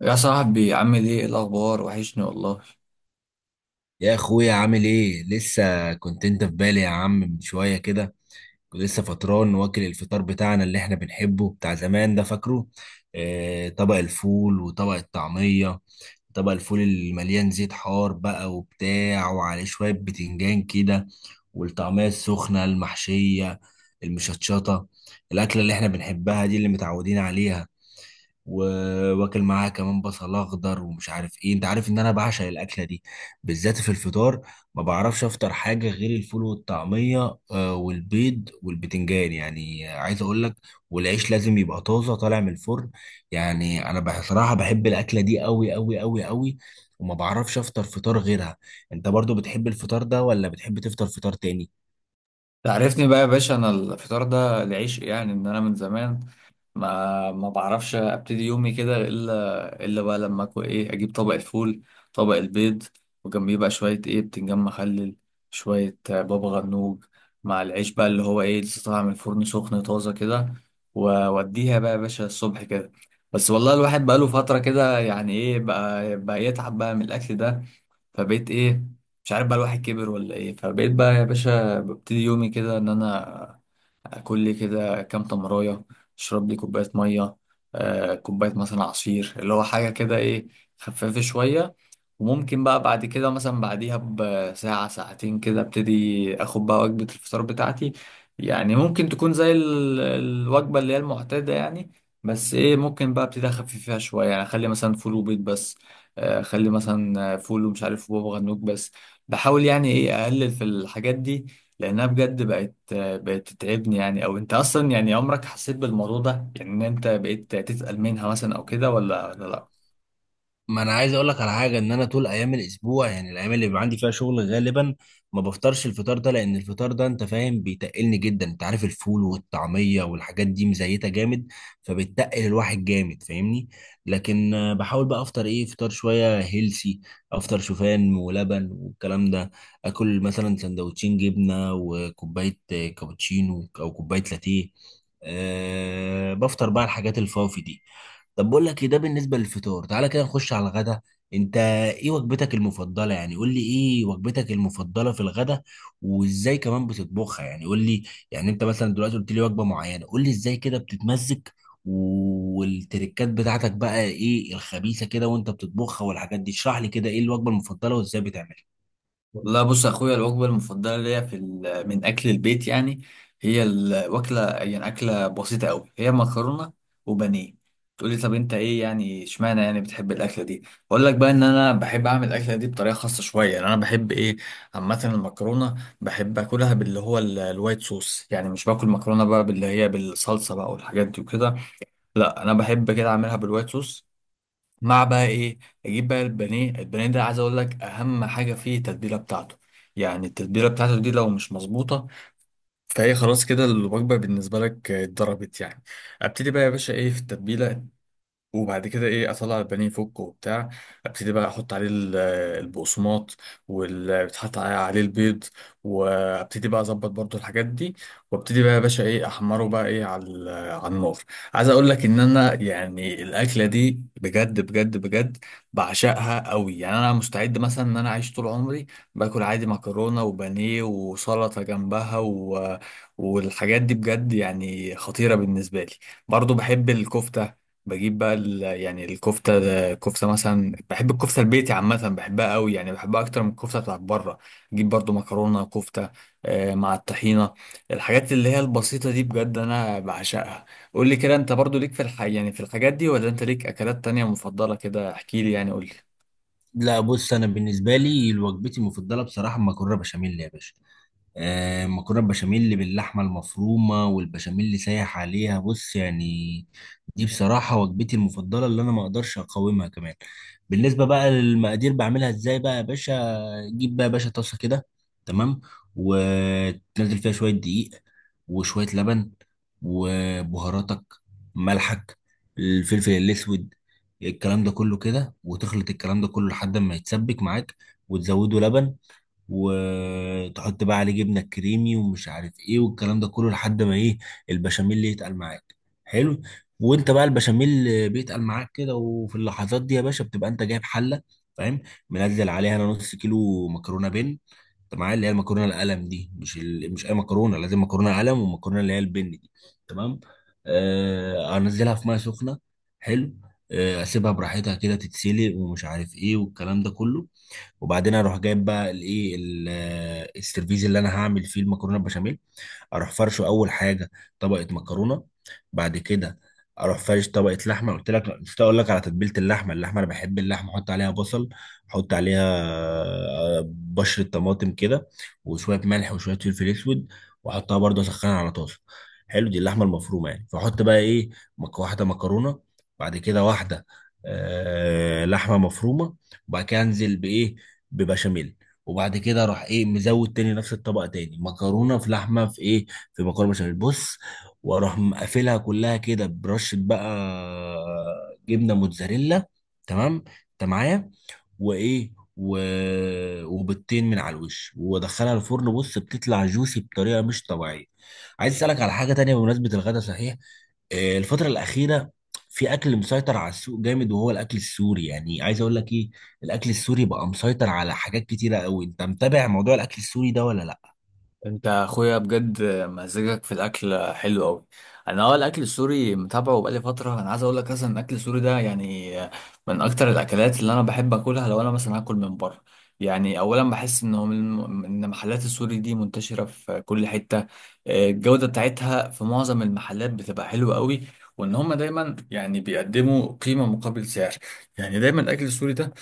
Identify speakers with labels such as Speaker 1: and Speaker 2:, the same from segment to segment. Speaker 1: يا صاحبي، عامل ايه؟ إيه الاخبار؟ وحشني والله.
Speaker 2: يا اخويا، عامل ايه؟ لسه كنت انت في بالي يا عم من شويه كده. كنت لسه فطران واكل الفطار بتاعنا اللي احنا بنحبه بتاع زمان ده، فاكره؟ اه، طبق الفول وطبق الطعميه. طبق الفول المليان زيت حار بقى وبتاع، وعليه شويه بتنجان كده، والطعميه السخنه المحشيه المشطشطه، الاكله اللي احنا بنحبها دي، اللي متعودين عليها. وواكل معاها كمان بصل اخضر ومش عارف ايه. انت عارف ان انا بعشق الاكله دي بالذات في الفطار. ما بعرفش افطر حاجه غير الفول والطعميه والبيض والبتنجان، يعني عايز اقول لك. والعيش لازم يبقى طازه طالع من الفرن. يعني انا بصراحه بحب الاكله دي قوي قوي قوي قوي. وما بعرفش افطر فطار غيرها. انت برضو بتحب الفطار ده ولا بتحب تفطر فطار تاني؟
Speaker 1: تعرفني بقى يا باشا، انا الفطار ده، العيش يعني، ان انا من زمان ما بعرفش ابتدي يومي كده الا بقى لما اكل ايه، اجيب طبق الفول، طبق البيض، وجنبيه بقى شويه ايه، بتنجان مخلل، شويه بابا غنوج، مع العيش بقى اللي هو ايه لسه طالع من الفرن سخن طازه كده، ووديها بقى يا باشا الصبح كده. بس والله الواحد بقى له فتره كده يعني ايه، بقى يتعب بقى من الاكل ده. فبقيت ايه، مش عارف، بقى الواحد كبر ولا ايه، فبقيت بقى يا باشا ببتدي يومي كده ان انا كل كده كام تمراية، اشرب لي كوباية مية، كوباية مثلا عصير اللي هو حاجة كده ايه، خفافة شوية. وممكن بقى بعد كده مثلا بعديها بساعة ساعتين كده ابتدي اخد بقى وجبة الفطار بتاعتي. يعني ممكن تكون زي الوجبة اللي هي المعتادة يعني، بس ايه، ممكن بقى ابتدي اخفف فيها شوية، يعني اخلي مثلا فول وبيض بس، اخلي مثلا فول ومش عارف بابا غنوج بس. بحاول يعني ايه اقلل في الحاجات دي لانها بجد بقت تتعبني يعني. او انت اصلا يعني عمرك حسيت بالموضوع ده، يعني ان انت بقيت تسأل منها مثلا او كده، ولا لا؟
Speaker 2: ما انا عايز اقول لك على حاجه ان انا طول ايام الاسبوع، يعني الايام اللي بيبقى عندي فيها شغل غالبا ما بفطرش الفطار ده، لان الفطار ده انت فاهم بيتقلني جدا. انت عارف الفول والطعميه والحاجات دي مزيته جامد، فبتقل الواحد جامد، فاهمني. لكن بحاول بقى افطر ايه فطار شويه هيلسي. افطر شوفان ولبن والكلام ده. اكل مثلا سندوتشين جبنه وكوبايه كابتشينو او كوبايه لاتيه. بفطر بقى الحاجات الفافي دي. طب بقول لك ده بالنسبه للفطار. تعالى كده نخش على الغدا. انت ايه وجبتك المفضله؟ يعني قول لي ايه وجبتك المفضله في الغدا؟ وازاي كمان بتطبخها؟ يعني قول لي. يعني انت مثلا دلوقتي قلت لي وجبه معينه، قول لي ازاي كده بتتمزج والتركات بتاعتك بقى ايه الخبيثه كده وانت بتطبخها والحاجات دي. اشرح لي كده ايه الوجبه المفضله وازاي بتعملها.
Speaker 1: لا بص يا اخويا، الوجبه المفضله ليا في من اكل البيت يعني، هي الوكله يعني اكله بسيطه قوي، هي مكرونه وبانيه. تقول لي طب انت ايه يعني، اشمعنى يعني بتحب الاكله دي؟ اقول لك بقى ان انا بحب اعمل الاكله دي بطريقه خاصه شويه، يعني انا بحب ايه، عامه المكرونه بحب اكلها باللي هو الوايت صوص، يعني مش باكل مكرونه بقى باللي هي بالصلصه بقى والحاجات دي وكده، لا انا بحب كده اعملها بالوايت صوص. مع بقى ايه، اجيب بقى البانيه، البانيه ده عايز اقول لك اهم حاجه فيه التتبيله بتاعته. يعني التتبيله بتاعته دي لو مش مظبوطه فهي خلاص كده الوجبه بالنسبه لك اتضربت يعني. ابتدي بقى يا باشا ايه في التتبيله، وبعد كده ايه اطلع البانيه فوق وبتاع، ابتدي بقى احط عليه البقسماط، واللي بيتحط عليه البيض، وابتدي بقى اظبط برضو الحاجات دي، وابتدي بقى يا باشا ايه احمره بقى ايه على على النار. عايز اقول لك ان انا يعني الاكله دي بجد بجد بجد بعشقها قوي، يعني انا مستعد مثلا ان انا اعيش طول عمري باكل عادي مكرونه وبانيه وسلطه جنبها و... والحاجات دي بجد يعني خطيره بالنسبه لي. برضو بحب الكفته، بجيب بقى يعني الكفته، الكفته مثلا بحب الكفته البيتي، عامه بحبها قوي، يعني بحبها اكتر من الكفته بتاعت بره، اجيب برضو مكرونه كفته مع الطحينه. الحاجات اللي هي البسيطه دي بجد انا بعشقها. قول لي كده، انت برضو ليك في يعني في الحاجات دي، ولا انت ليك اكلات تانية مفضله كده؟ احكي لي يعني قول لي.
Speaker 2: لا، بص. انا بالنسبه لي وجبتي المفضله بصراحه المكرونه بشاميل يا باشا. مكرونه بشاميل اللي باللحمه المفرومه والبشاميل اللي سايح عليها، بص يعني. دي بصراحه وجبتي المفضله اللي انا ما اقدرش اقاومها كمان. بالنسبه بقى للمقادير، بعملها ازاي بقى يا باشا؟ جيب بقى يا باشا طاسه كده، تمام، وتنزل فيها شويه دقيق وشويه لبن وبهاراتك، ملحك، الفلفل الاسود، الكلام ده كله كده، وتخلط الكلام ده كله لحد ما يتسبك معاك. وتزوده لبن، وتحط بقى عليه جبنه كريمي ومش عارف ايه والكلام ده كله لحد ما ايه، البشاميل يتقل معاك. حلو. وانت بقى البشاميل بيتقل معاك كده وفي اللحظات دي يا باشا بتبقى انت جايب حله، فاهم، منزل عليها انا نص كيلو مكرونه بن. انت معايا؟ اللي هي المكرونه القلم دي، مش مش اي مكرونه، لازم مكرونه قلم، والمكرونه اللي هي البن دي. تمام. انزلها في ميه سخنه. حلو. اسيبها براحتها كده تتسلق ومش عارف ايه والكلام ده كله. وبعدين اروح جايب بقى الايه السيرفيز اللي انا هعمل فيه المكرونه البشاميل. اروح فرشه اول حاجه طبقه مكرونه. بعد كده اروح فرش طبقه لحمه. قلت لك مش اقول لك على تتبيله اللحمه انا بحب اللحمه احط عليها بصل، احط عليها بشره طماطم كده، وشويه ملح وشويه فلفل اسود، واحطها برضه اسخنها على طاسه. حلو، دي اللحمه المفرومه يعني. فاحط بقى ايه؟ واحده مكرونه، بعد كده واحده لحمه مفرومه. وبعد كده انزل بايه؟ ببشاميل. وبعد كده راح ايه، مزود تاني نفس الطبق تاني، مكرونه في لحمه في ايه، في مكرونه بشاميل. بص. واروح مقفلها كلها كده برشه بقى جبنه موتزاريلا. تمام. انت معايا؟ وايه و... وبيضتين من على الوش وادخلها الفرن. بص، بتطلع جوسي بطريقه مش طبيعيه. عايز اسالك على حاجه تانية بمناسبه الغدا صحيح. الفتره الاخيره في اكل مسيطر على السوق جامد، وهو الاكل السوري. يعني عايز اقول لك ايه، الاكل السوري بقى مسيطر على حاجات كتيره قوي. انت متابع موضوع الاكل السوري ده ولا لا؟
Speaker 1: انت اخويا بجد مزاجك في الاكل حلو قوي. انا اه الاكل السوري متابعه بقالي فتره. انا عايز اقول لك، اصلا الاكل السوري ده يعني من اكتر الاكلات اللي انا بحب اكلها لو انا مثلا هاكل من بره. يعني اولا بحس ان هو ان محلات السوري دي منتشره في كل حته. الجوده بتاعتها في معظم المحلات بتبقى حلوه قوي، وان هم دايما يعني بيقدموا قيمه مقابل سعر. يعني دايما الاكل السوري ده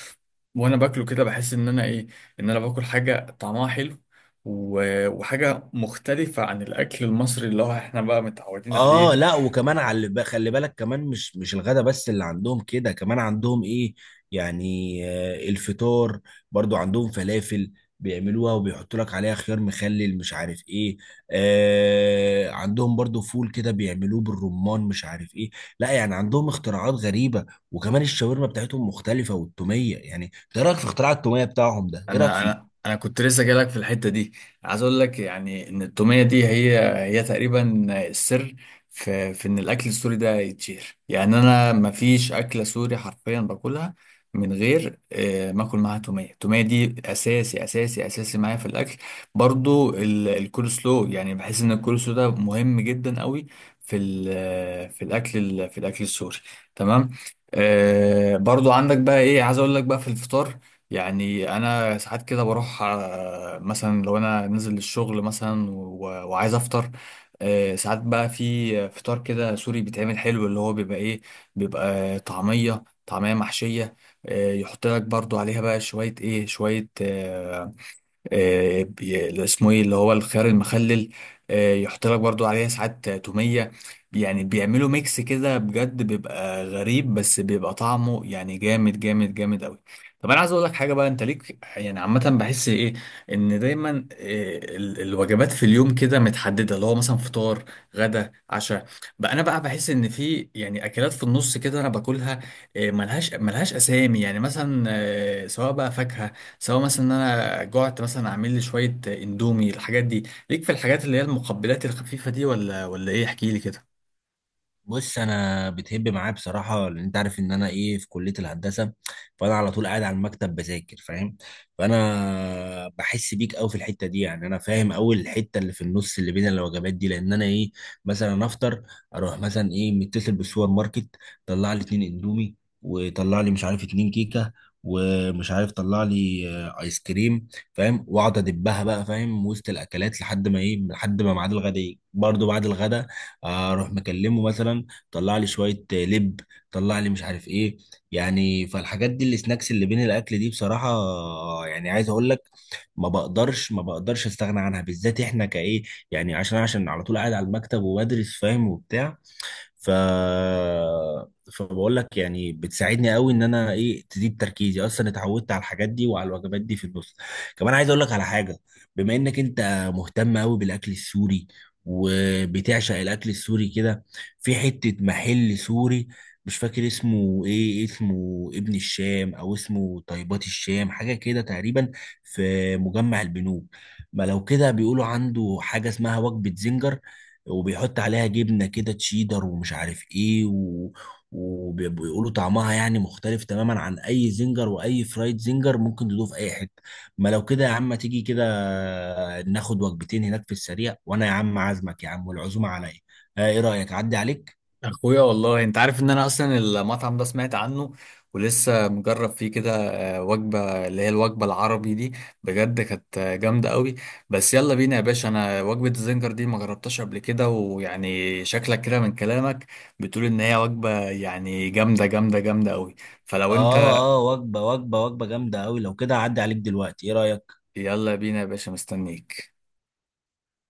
Speaker 1: وانا باكله كده بحس ان انا ايه، ان انا باكل حاجه طعمها حلو، وحاجه مختلفه عن الاكل المصري اللي هو احنا بقى متعودين
Speaker 2: اه،
Speaker 1: عليه.
Speaker 2: لا. وكمان على خلي بالك كمان، مش الغدا بس اللي عندهم كده، كمان عندهم ايه، يعني الفطار. برضو عندهم فلافل، بيعملوها وبيحطوا لك عليها خيار مخلل مش عارف ايه. عندهم برضو فول كده بيعملوه بالرمان مش عارف ايه. لا يعني عندهم اختراعات غريبة. وكمان الشاورما بتاعتهم مختلفة، والتومية. يعني إنت ايه رأيك في اختراع التومية بتاعهم ده؟ ايه رأيك
Speaker 1: انا انا
Speaker 2: فيه؟
Speaker 1: انا كنت لسه جايلك في الحته دي. عايز اقول لك يعني ان التوميه دي هي، هي تقريبا السر في ان الاكل السوري ده يتشهر. يعني انا ما فيش اكله سوري حرفيا باكلها من غير ما اكل معاها توميه. التوميه دي اساسي اساسي اساسي معايا في الاكل. برضو الكولسلو يعني بحس ان الكولسلو ده مهم جدا قوي في في الاكل في الاكل السوري، تمام. آه برضو عندك بقى ايه، عايز اقول لك بقى في الفطار، يعني انا ساعات كده بروح مثلا لو انا نازل الشغل مثلا وعايز افطر، ساعات بقى في فطار كده سوري بيتعمل حلو، اللي هو بيبقى ايه، بيبقى طعمية، طعمية محشية، يحط لك برضو عليها بقى شوية ايه، شوية اللي اسمه ايه اللي هو الخيار المخلل، يحط لك برضو عليها ساعات تومية. يعني بيعملوا ميكس كده بجد بيبقى غريب، بس بيبقى طعمه يعني جامد جامد جامد قوي. طب انا عايز اقول لك حاجه بقى، انت ليك يعني عامه بحس ايه، ان دايما الوجبات في اليوم كده متحدده، اللي هو مثلا فطار، غدا، عشاء، بقى انا بقى بحس ان في يعني اكلات في النص كده انا باكلها، ملهاش اسامي، يعني مثلا سواء بقى فاكهه، سواء مثلا ان انا جعت مثلا اعمل لي شويه اندومي. الحاجات دي ليك في الحاجات اللي هي المقبلات الخفيفه دي، ولا ايه؟ احكي لي كده.
Speaker 2: بص، انا بتهب معاه بصراحه، لان انت عارف ان انا ايه، في كليه الهندسه، فانا على طول قاعد على المكتب بذاكر، فاهم. فانا بحس بيك قوي في الحته دي. يعني انا فاهم قوي الحته اللي في النص اللي بين الوجبات دي، لان انا ايه، مثلا افطر، اروح مثلا ايه متصل بالسوبر ماركت، طلع لي 2 اندومي، وطلع لي مش عارف 2 كيكه، ومش عارف طلع لي ايس كريم، فاهم، واقعد ادبها بقى، فاهم، وسط الاكلات لحد ما ايه، لحد ما ميعاد الغدا يجي. برضه بعد الغدا اروح مكلمه مثلا، طلع لي شويه لب، طلع لي مش عارف ايه. يعني فالحاجات دي السناكس اللي بين الاكل دي بصراحه، يعني عايز اقول لك، ما بقدرش استغنى عنها، بالذات احنا كايه، يعني عشان على طول قاعد على المكتب وبدرس، فاهم، وبتاع. ف فبقول لك يعني بتساعدني قوي ان انا ايه تزيد تركيزي. اصلا اتعودت على الحاجات دي وعلى الوجبات دي في النص. كمان عايز اقول لك على حاجه. بما انك انت مهتم قوي بالاكل السوري وبتعشق الاكل السوري كده، في حته محل سوري، مش فاكر اسمه ايه، اسمه ابن الشام او اسمه طيبات الشام حاجه كده تقريبا، في مجمع البنوك. ما لو كده بيقولوا عنده حاجه اسمها وجبه زنجر، وبيحط عليها جبنة كده تشيدر ومش عارف ايه و... وبيقولوا طعمها يعني مختلف تماما عن اي زنجر، واي فرايد زنجر ممكن تدوه في اي حتة. ما لو كده يا عم تيجي كده، ناخد وجبتين هناك في السريع، وانا يا عم عازمك يا عم والعزومة عليا. ايه رأيك، اعدي عليك؟
Speaker 1: اخويا والله انت عارف ان انا اصلا المطعم ده سمعت عنه ولسه مجرب فيه كده وجبه اللي هي الوجبه العربي دي، بجد كانت جامده قوي. بس يلا بينا يا باشا، انا وجبه الزنجر دي ما جربتهاش قبل كده، ويعني شكلك كده من كلامك بتقول ان هي وجبه يعني جامده جامده جامده قوي، فلو انت
Speaker 2: اه اه، وجبة جامدة قوي. لو كده اعدي عليك دلوقتي، ايه رأيك؟
Speaker 1: يلا بينا يا باشا، مستنيك.